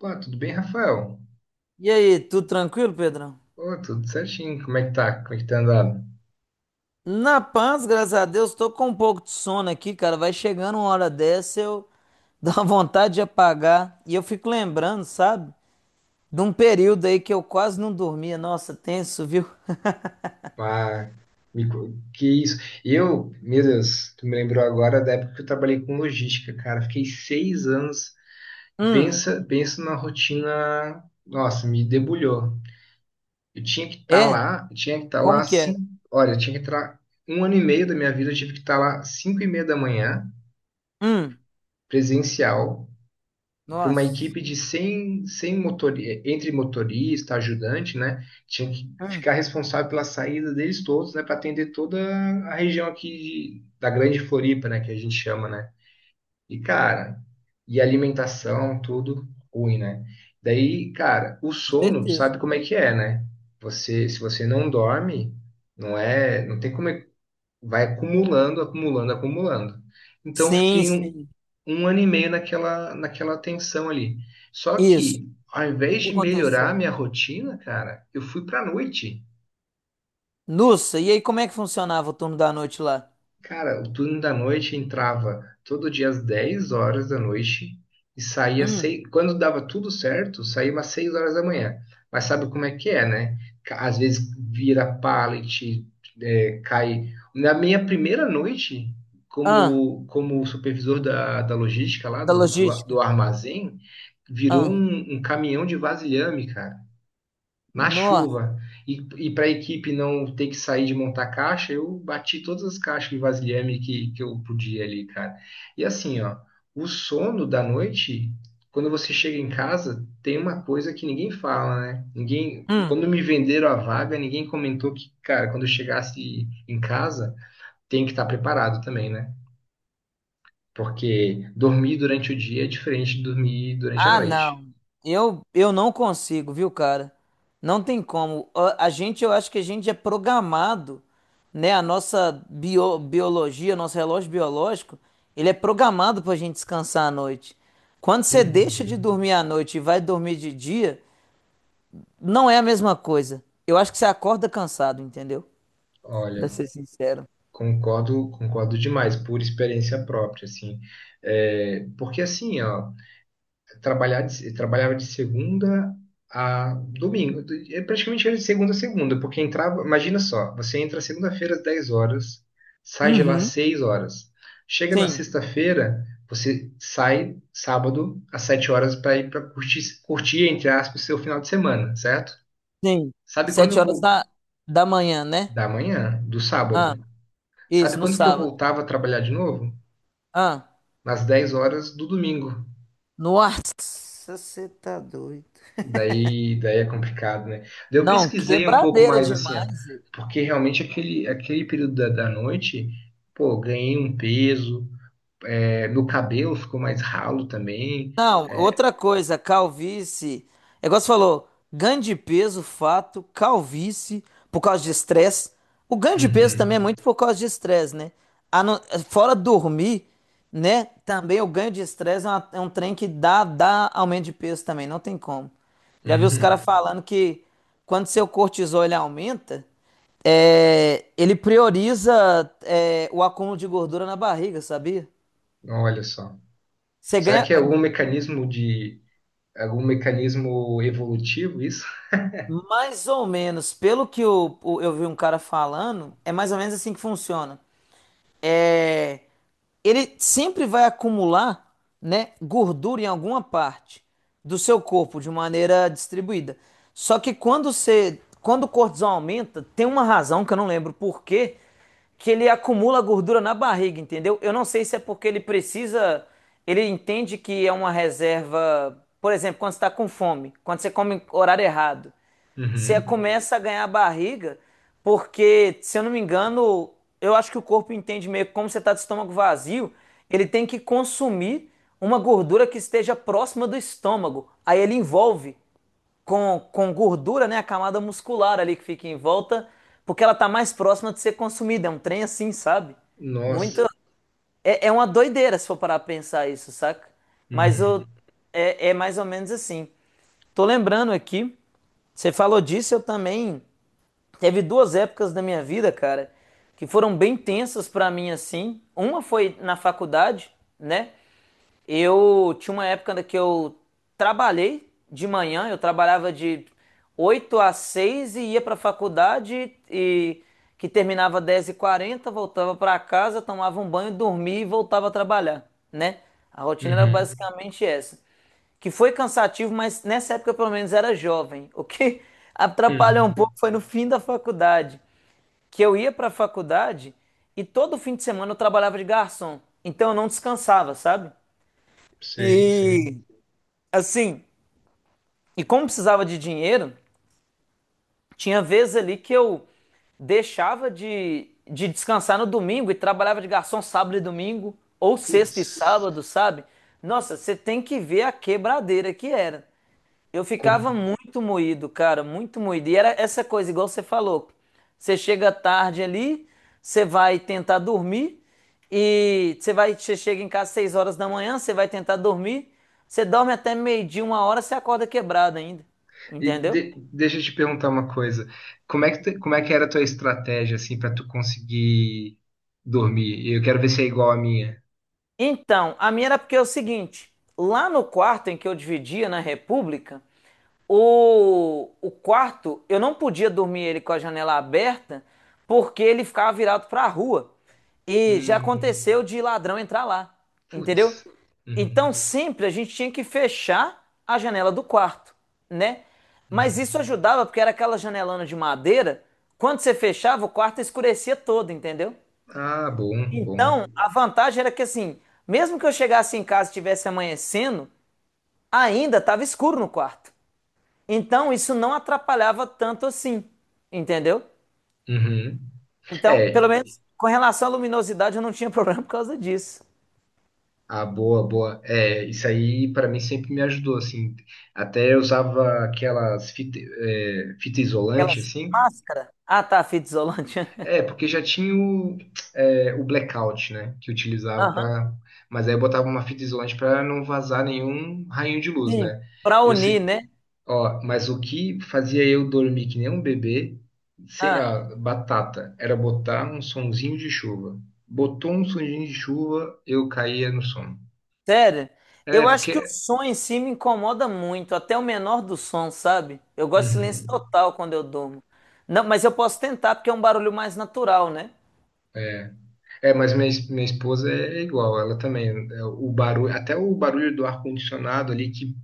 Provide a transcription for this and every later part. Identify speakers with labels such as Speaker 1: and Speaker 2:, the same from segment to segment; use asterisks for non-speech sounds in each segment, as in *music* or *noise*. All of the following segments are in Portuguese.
Speaker 1: Pô, tudo bem, Rafael?
Speaker 2: E aí, tudo tranquilo, Pedrão?
Speaker 1: Pô, tudo certinho. Como é que tá? Como é que tá andado?
Speaker 2: Na paz, graças a Deus, tô com um pouco de sono aqui, cara. Vai chegando uma hora dessa, eu *laughs* dou uma vontade de apagar. E eu fico lembrando, sabe? De um período aí que eu quase não dormia. Nossa, tenso, viu? *laughs*
Speaker 1: Ah, que isso? Eu, meu Deus, tu me lembrou agora da época que eu trabalhei com logística, cara. Fiquei 6 anos.
Speaker 2: Hum,
Speaker 1: Pensa, pensa numa rotina. Nossa, me debulhou. Eu tinha que estar
Speaker 2: é?
Speaker 1: lá, eu tinha que estar lá
Speaker 2: Como que era?
Speaker 1: cinco. Olha, eu tinha que estar um ano e meio da minha vida, eu tive que estar lá 5h30 da manhã,
Speaker 2: Hum,
Speaker 1: presencial. Para uma
Speaker 2: nossa.
Speaker 1: equipe de 100 100 motor entre motorista, ajudante, né? Tinha que
Speaker 2: Hum,
Speaker 1: ficar responsável pela saída deles todos, né? Para atender toda a região aqui da Grande Floripa, né? Que a gente chama, né? E, cara, e alimentação, tudo ruim, né? Daí, cara, o
Speaker 2: com
Speaker 1: sono, tu
Speaker 2: certeza.
Speaker 1: sabe como é que é, né? Você, se você não dorme, não é, não tem como, vai acumulando, acumulando, acumulando. Então, eu
Speaker 2: Sim,
Speaker 1: fiquei
Speaker 2: sim.
Speaker 1: um ano e meio naquela tensão ali. Só
Speaker 2: Isso.
Speaker 1: que, ao
Speaker 2: O
Speaker 1: invés
Speaker 2: que
Speaker 1: de melhorar
Speaker 2: aconteceu?
Speaker 1: a minha rotina, cara, eu fui pra noite.
Speaker 2: Nossa, e aí como é que funcionava o turno da noite lá?
Speaker 1: Cara, o turno da noite entrava todo dia às 22h da noite e saía
Speaker 2: Hum,
Speaker 1: seis, quando dava tudo certo, saía umas 6 horas da manhã. Mas sabe como é que é, né? Às vezes vira pallet, é, cai. Na minha primeira noite,
Speaker 2: ah,
Speaker 1: como, como supervisor da logística lá
Speaker 2: da
Speaker 1: do, do, a-
Speaker 2: logística.
Speaker 1: do armazém, virou
Speaker 2: Ah,
Speaker 1: um caminhão de vasilhame, cara, na
Speaker 2: nossa.
Speaker 1: chuva. E, e para a equipe não ter que sair de montar caixa, eu bati todas as caixas de vasilhame que eu podia ali, cara. E assim, ó, o sono da noite, quando você chega em casa, tem uma coisa que ninguém fala, né? Ninguém.
Speaker 2: Hum,
Speaker 1: Quando me venderam a vaga, ninguém comentou que, cara, quando eu chegasse em casa, tem que estar preparado também, né? Porque dormir durante o dia é diferente de dormir durante a
Speaker 2: Ah,
Speaker 1: noite.
Speaker 2: não. Eu não consigo, viu, cara? Não tem como. A gente, eu acho que a gente é programado, né? A nossa biologia, nosso relógio biológico, ele é programado pra gente descansar à noite. Quando você deixa
Speaker 1: Uhum.
Speaker 2: de dormir à noite e vai dormir de dia, não é a mesma coisa. Eu acho que você acorda cansado, entendeu? Pra
Speaker 1: Olha,
Speaker 2: ser sincero.
Speaker 1: concordo, concordo demais, por experiência própria, assim. É, porque assim, ó, trabalhava de segunda a domingo, é praticamente era de segunda a segunda, porque entrava, imagina só, você entra segunda-feira às 10 horas, sai de lá às
Speaker 2: Uhum.
Speaker 1: 6 horas. Chega na
Speaker 2: Sim,
Speaker 1: sexta-feira, você sai sábado às 7 horas para ir para curtir, curtir, entre aspas, seu final de semana, certo?
Speaker 2: sim.
Speaker 1: Sabe quando
Speaker 2: Sete
Speaker 1: eu
Speaker 2: horas
Speaker 1: vou?
Speaker 2: da manhã, né?
Speaker 1: Da manhã, do
Speaker 2: Ah,
Speaker 1: sábado. Sabe
Speaker 2: isso, no
Speaker 1: quando que eu
Speaker 2: sábado.
Speaker 1: voltava a trabalhar de novo?
Speaker 2: Ah.
Speaker 1: Nas 10 horas do domingo.
Speaker 2: Nossa, você tá doido.
Speaker 1: Daí é complicado, né? Daí eu
Speaker 2: Não,
Speaker 1: pesquisei um pouco
Speaker 2: quebradeira
Speaker 1: mais assim, ó,
Speaker 2: demais. Zé.
Speaker 1: porque realmente aquele período da noite, pô, ganhei um peso, é, meu cabelo ficou mais ralo também.
Speaker 2: Não, outra coisa, calvície. É igual você falou, ganho de peso, fato, calvície, por causa de estresse. O ganho de peso também
Speaker 1: Uhum,
Speaker 2: é muito por causa de estresse, né? A não- Fora dormir, né? Também o ganho de estresse é um trem que dá aumento de peso também, não tem como. Já vi os
Speaker 1: uhum.
Speaker 2: caras falando que quando seu cortisol ele aumenta. É, ele prioriza é, o acúmulo de gordura na barriga, sabia?
Speaker 1: Olha só.
Speaker 2: Você
Speaker 1: Será
Speaker 2: ganha
Speaker 1: que é algum mecanismo de algum mecanismo evolutivo isso?
Speaker 2: mais ou menos, pelo que eu vi um cara falando, é mais ou menos assim que funciona. É, ele sempre vai acumular, né, gordura em alguma parte do seu corpo de maneira distribuída. Só que quando você, quando o cortisol aumenta, tem uma razão que eu não lembro por quê, que ele acumula gordura na barriga, entendeu? Eu não sei se é porque ele precisa, ele entende que é uma reserva, por exemplo, quando você está com fome, quando você come em horário errado. Você
Speaker 1: Uhum.
Speaker 2: começa a ganhar barriga, porque, se eu não me engano, eu acho que o corpo entende meio que como você está de estômago vazio, ele tem que consumir uma gordura que esteja próxima do estômago. Aí ele envolve com gordura, né, a camada muscular ali que fica em volta, porque ela tá mais próxima de ser consumida. É um trem assim, sabe? Muito.
Speaker 1: Nossa.
Speaker 2: É, é uma doideira se for parar pra pensar isso, saca? Mas eu,
Speaker 1: Uhum.
Speaker 2: é mais ou menos assim. Tô lembrando aqui, você falou disso, eu também. Teve duas épocas da minha vida, cara, que foram bem tensas pra mim assim. Uma foi na faculdade, né? Eu tinha uma época que eu trabalhei de manhã, eu trabalhava de 8 às 6 e ia pra faculdade e que terminava 10:40, voltava pra casa, tomava um banho, dormia e voltava a trabalhar, né? A rotina era
Speaker 1: Uhum.
Speaker 2: basicamente essa que foi cansativo, mas nessa época eu, pelo menos era jovem. *laughs* O que atrapalhou um
Speaker 1: Hum.
Speaker 2: pouco foi no fim da faculdade, que eu ia para a faculdade e todo fim de semana eu trabalhava de garçom. Então eu não descansava, sabe?
Speaker 1: Sei, sei.
Speaker 2: E assim, e como precisava de dinheiro, tinha vezes ali que eu deixava de descansar no domingo e trabalhava de garçom sábado e domingo, ou
Speaker 1: Putz.
Speaker 2: sexta e sábado, sabe? Nossa, você tem que ver a quebradeira que era. Eu ficava muito moído, cara, muito moído. E era essa coisa, igual você falou. Você chega tarde ali, você vai tentar dormir e você vai, você chega em casa às 6 horas da manhã, você vai tentar dormir, você dorme até meio-dia, uma hora, você acorda quebrado ainda.
Speaker 1: E
Speaker 2: Entendeu?
Speaker 1: deixa eu te perguntar uma coisa. Como é que, como é que era a tua estratégia, assim, para tu conseguir dormir? E eu quero ver se é igual à minha.
Speaker 2: Então, a minha era porque é o seguinte, lá no quarto em que eu dividia na República, o quarto, eu não podia dormir ele com a janela aberta, porque ele ficava virado para a rua. E já
Speaker 1: Hum,
Speaker 2: aconteceu de ladrão entrar lá, entendeu?
Speaker 1: putz. Uhum,
Speaker 2: Então sempre a gente tinha que fechar a janela do quarto, né? Mas
Speaker 1: uhum.
Speaker 2: isso ajudava porque era aquela janelona de madeira, quando você fechava, o quarto escurecia todo, entendeu?
Speaker 1: Ah, bom, bom.
Speaker 2: Então, a vantagem era que assim, mesmo que eu chegasse em casa e estivesse amanhecendo, ainda estava escuro no quarto. Então, isso não atrapalhava tanto assim, entendeu?
Speaker 1: Uhum.
Speaker 2: Então,
Speaker 1: É,
Speaker 2: pelo menos com relação à luminosidade, eu não tinha *laughs* problema por causa disso.
Speaker 1: ah, boa, boa. É, isso aí para mim sempre me ajudou, assim. Até eu usava aquelas fita, é, fita isolante,
Speaker 2: Aquelas
Speaker 1: assim.
Speaker 2: máscaras. Ah, tá, fita isolante.
Speaker 1: É,
Speaker 2: *laughs*
Speaker 1: porque já tinha o, é, o blackout, né? Que utilizava
Speaker 2: Aham.
Speaker 1: para. Mas aí eu botava uma fita isolante para não vazar nenhum raio de luz,
Speaker 2: Sim,
Speaker 1: né?
Speaker 2: para
Speaker 1: Eu
Speaker 2: unir,
Speaker 1: sei,
Speaker 2: né?
Speaker 1: ó, mas o que fazia eu dormir que nem um bebê, sem,
Speaker 2: Ah.
Speaker 1: ó, batata, era botar um sonzinho de chuva. Botou um sonzinho de chuva, eu caía no sono.
Speaker 2: Sério,
Speaker 1: É,
Speaker 2: eu acho que o
Speaker 1: porque.
Speaker 2: som em si me incomoda muito, até o menor do som, sabe? Eu gosto de silêncio
Speaker 1: Uhum.
Speaker 2: total quando eu durmo. Não, mas eu posso tentar, porque é um barulho mais natural, né?
Speaker 1: É. É, mas minha, minha esposa é igual, ela também. É, o barulho, até o barulho do ar-condicionado ali, que,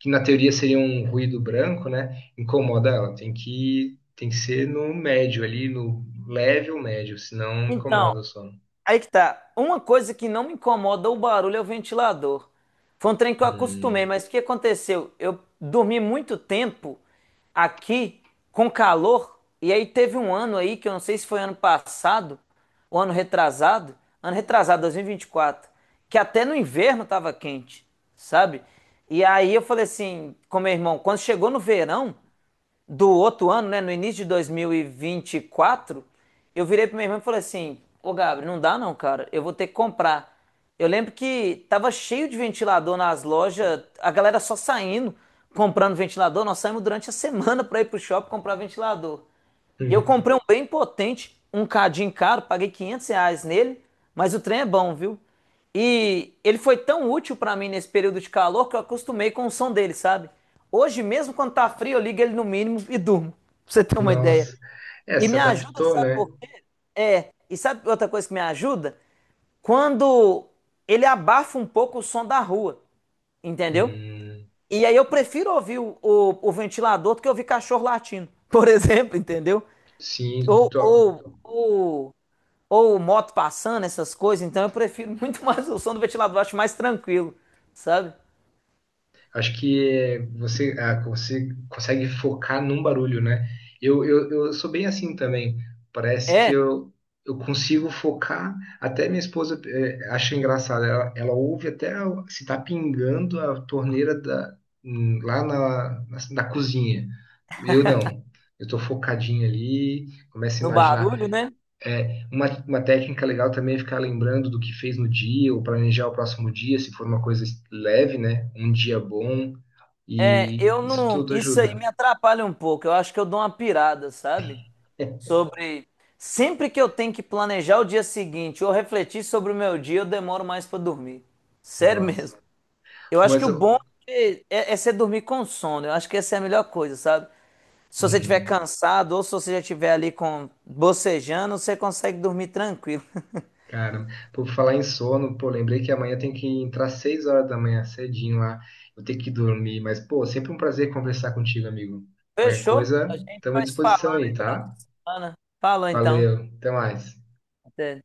Speaker 1: que na teoria seria um ruído branco, né? Incomoda ela. Tem que ser no médio ali, no leve ou médio, senão
Speaker 2: Então,
Speaker 1: incomoda o sono.
Speaker 2: aí que tá. Uma coisa que não me incomoda o barulho é o ventilador. Foi um trem que eu acostumei,
Speaker 1: Hum,
Speaker 2: mas o que aconteceu? Eu dormi muito tempo aqui com calor, e aí teve um ano aí, que eu não sei se foi ano passado, ou ano retrasado, 2024, que até no inverno tava quente, sabe? E aí eu falei assim com meu irmão, quando chegou no verão, do outro ano, né, no início de 2024, eu virei para minha irmão e falei assim: Ô Gabriel, não dá não, cara, eu vou ter que comprar. Eu lembro que tava cheio de ventilador nas lojas, a galera só saindo, comprando ventilador. Nós saímos durante a semana para ir pro shopping comprar ventilador. E eu
Speaker 1: hum,
Speaker 2: comprei um bem potente, um cadinho caro, paguei R$ 500 nele, mas o trem é bom, viu? E ele foi tão útil pra mim nesse período de calor que eu acostumei com o som dele, sabe? Hoje, mesmo quando tá frio, eu ligo ele no mínimo e durmo, pra você ter uma ideia.
Speaker 1: nossa. É,
Speaker 2: E
Speaker 1: se
Speaker 2: me ajuda,
Speaker 1: adaptou,
Speaker 2: sabe
Speaker 1: né?
Speaker 2: por quê? E sabe outra coisa que me ajuda? Quando ele abafa um pouco o som da rua, entendeu?
Speaker 1: Hum,
Speaker 2: E aí eu prefiro ouvir o, o ventilador do que ouvir cachorro latindo, *laughs* por exemplo, entendeu?
Speaker 1: sim,
Speaker 2: Ou,
Speaker 1: to-
Speaker 2: ou, ou ou moto passando, essas coisas, então eu prefiro *laughs* muito mais o som do ventilador, acho mais tranquilo, sabe?
Speaker 1: Acho que você, ah, você consegue focar num barulho, né? Eu sou bem assim também. Parece que
Speaker 2: É,
Speaker 1: eu, consigo focar. Até minha esposa acha engraçado. Ela ouve até o- se tá pingando a torneira da, lá na cozinha. Eu não. Eu tô focadinho ali, começo a
Speaker 2: no barulho,
Speaker 1: imaginar.
Speaker 2: né?
Speaker 1: É, uma técnica legal também é ficar lembrando do que fez no dia, ou planejar o próximo dia, se for uma coisa leve, né? Um dia bom,
Speaker 2: É,
Speaker 1: e
Speaker 2: eu
Speaker 1: isso
Speaker 2: não.
Speaker 1: tudo
Speaker 2: Isso aí
Speaker 1: ajuda.
Speaker 2: me atrapalha um pouco. Eu acho que eu dou uma pirada, sabe?
Speaker 1: *laughs*
Speaker 2: Sobre. Sempre que eu tenho que planejar o dia seguinte ou refletir sobre o meu dia, eu demoro mais pra dormir. Sério *laughs*
Speaker 1: Nossa.
Speaker 2: mesmo. Eu acho que
Speaker 1: Mas
Speaker 2: o
Speaker 1: eu.
Speaker 2: bom é você dormir com sono. Eu acho que essa é a melhor coisa, sabe? Se você estiver
Speaker 1: Uhum.
Speaker 2: cansado ou se você já estiver ali com bocejando, você consegue dormir tranquilo. *laughs*
Speaker 1: Cara, por falar em sono, pô, lembrei que amanhã tem que entrar 6 horas da manhã, cedinho lá. Vou ter que dormir, mas, pô, sempre um prazer conversar contigo, amigo. Qualquer
Speaker 2: Fechou?
Speaker 1: coisa,
Speaker 2: A gente
Speaker 1: estamos à
Speaker 2: vai se
Speaker 1: disposição
Speaker 2: falando
Speaker 1: aí,
Speaker 2: aí durante
Speaker 1: tá?
Speaker 2: a semana. Falou então.
Speaker 1: Valeu, até mais.
Speaker 2: Até.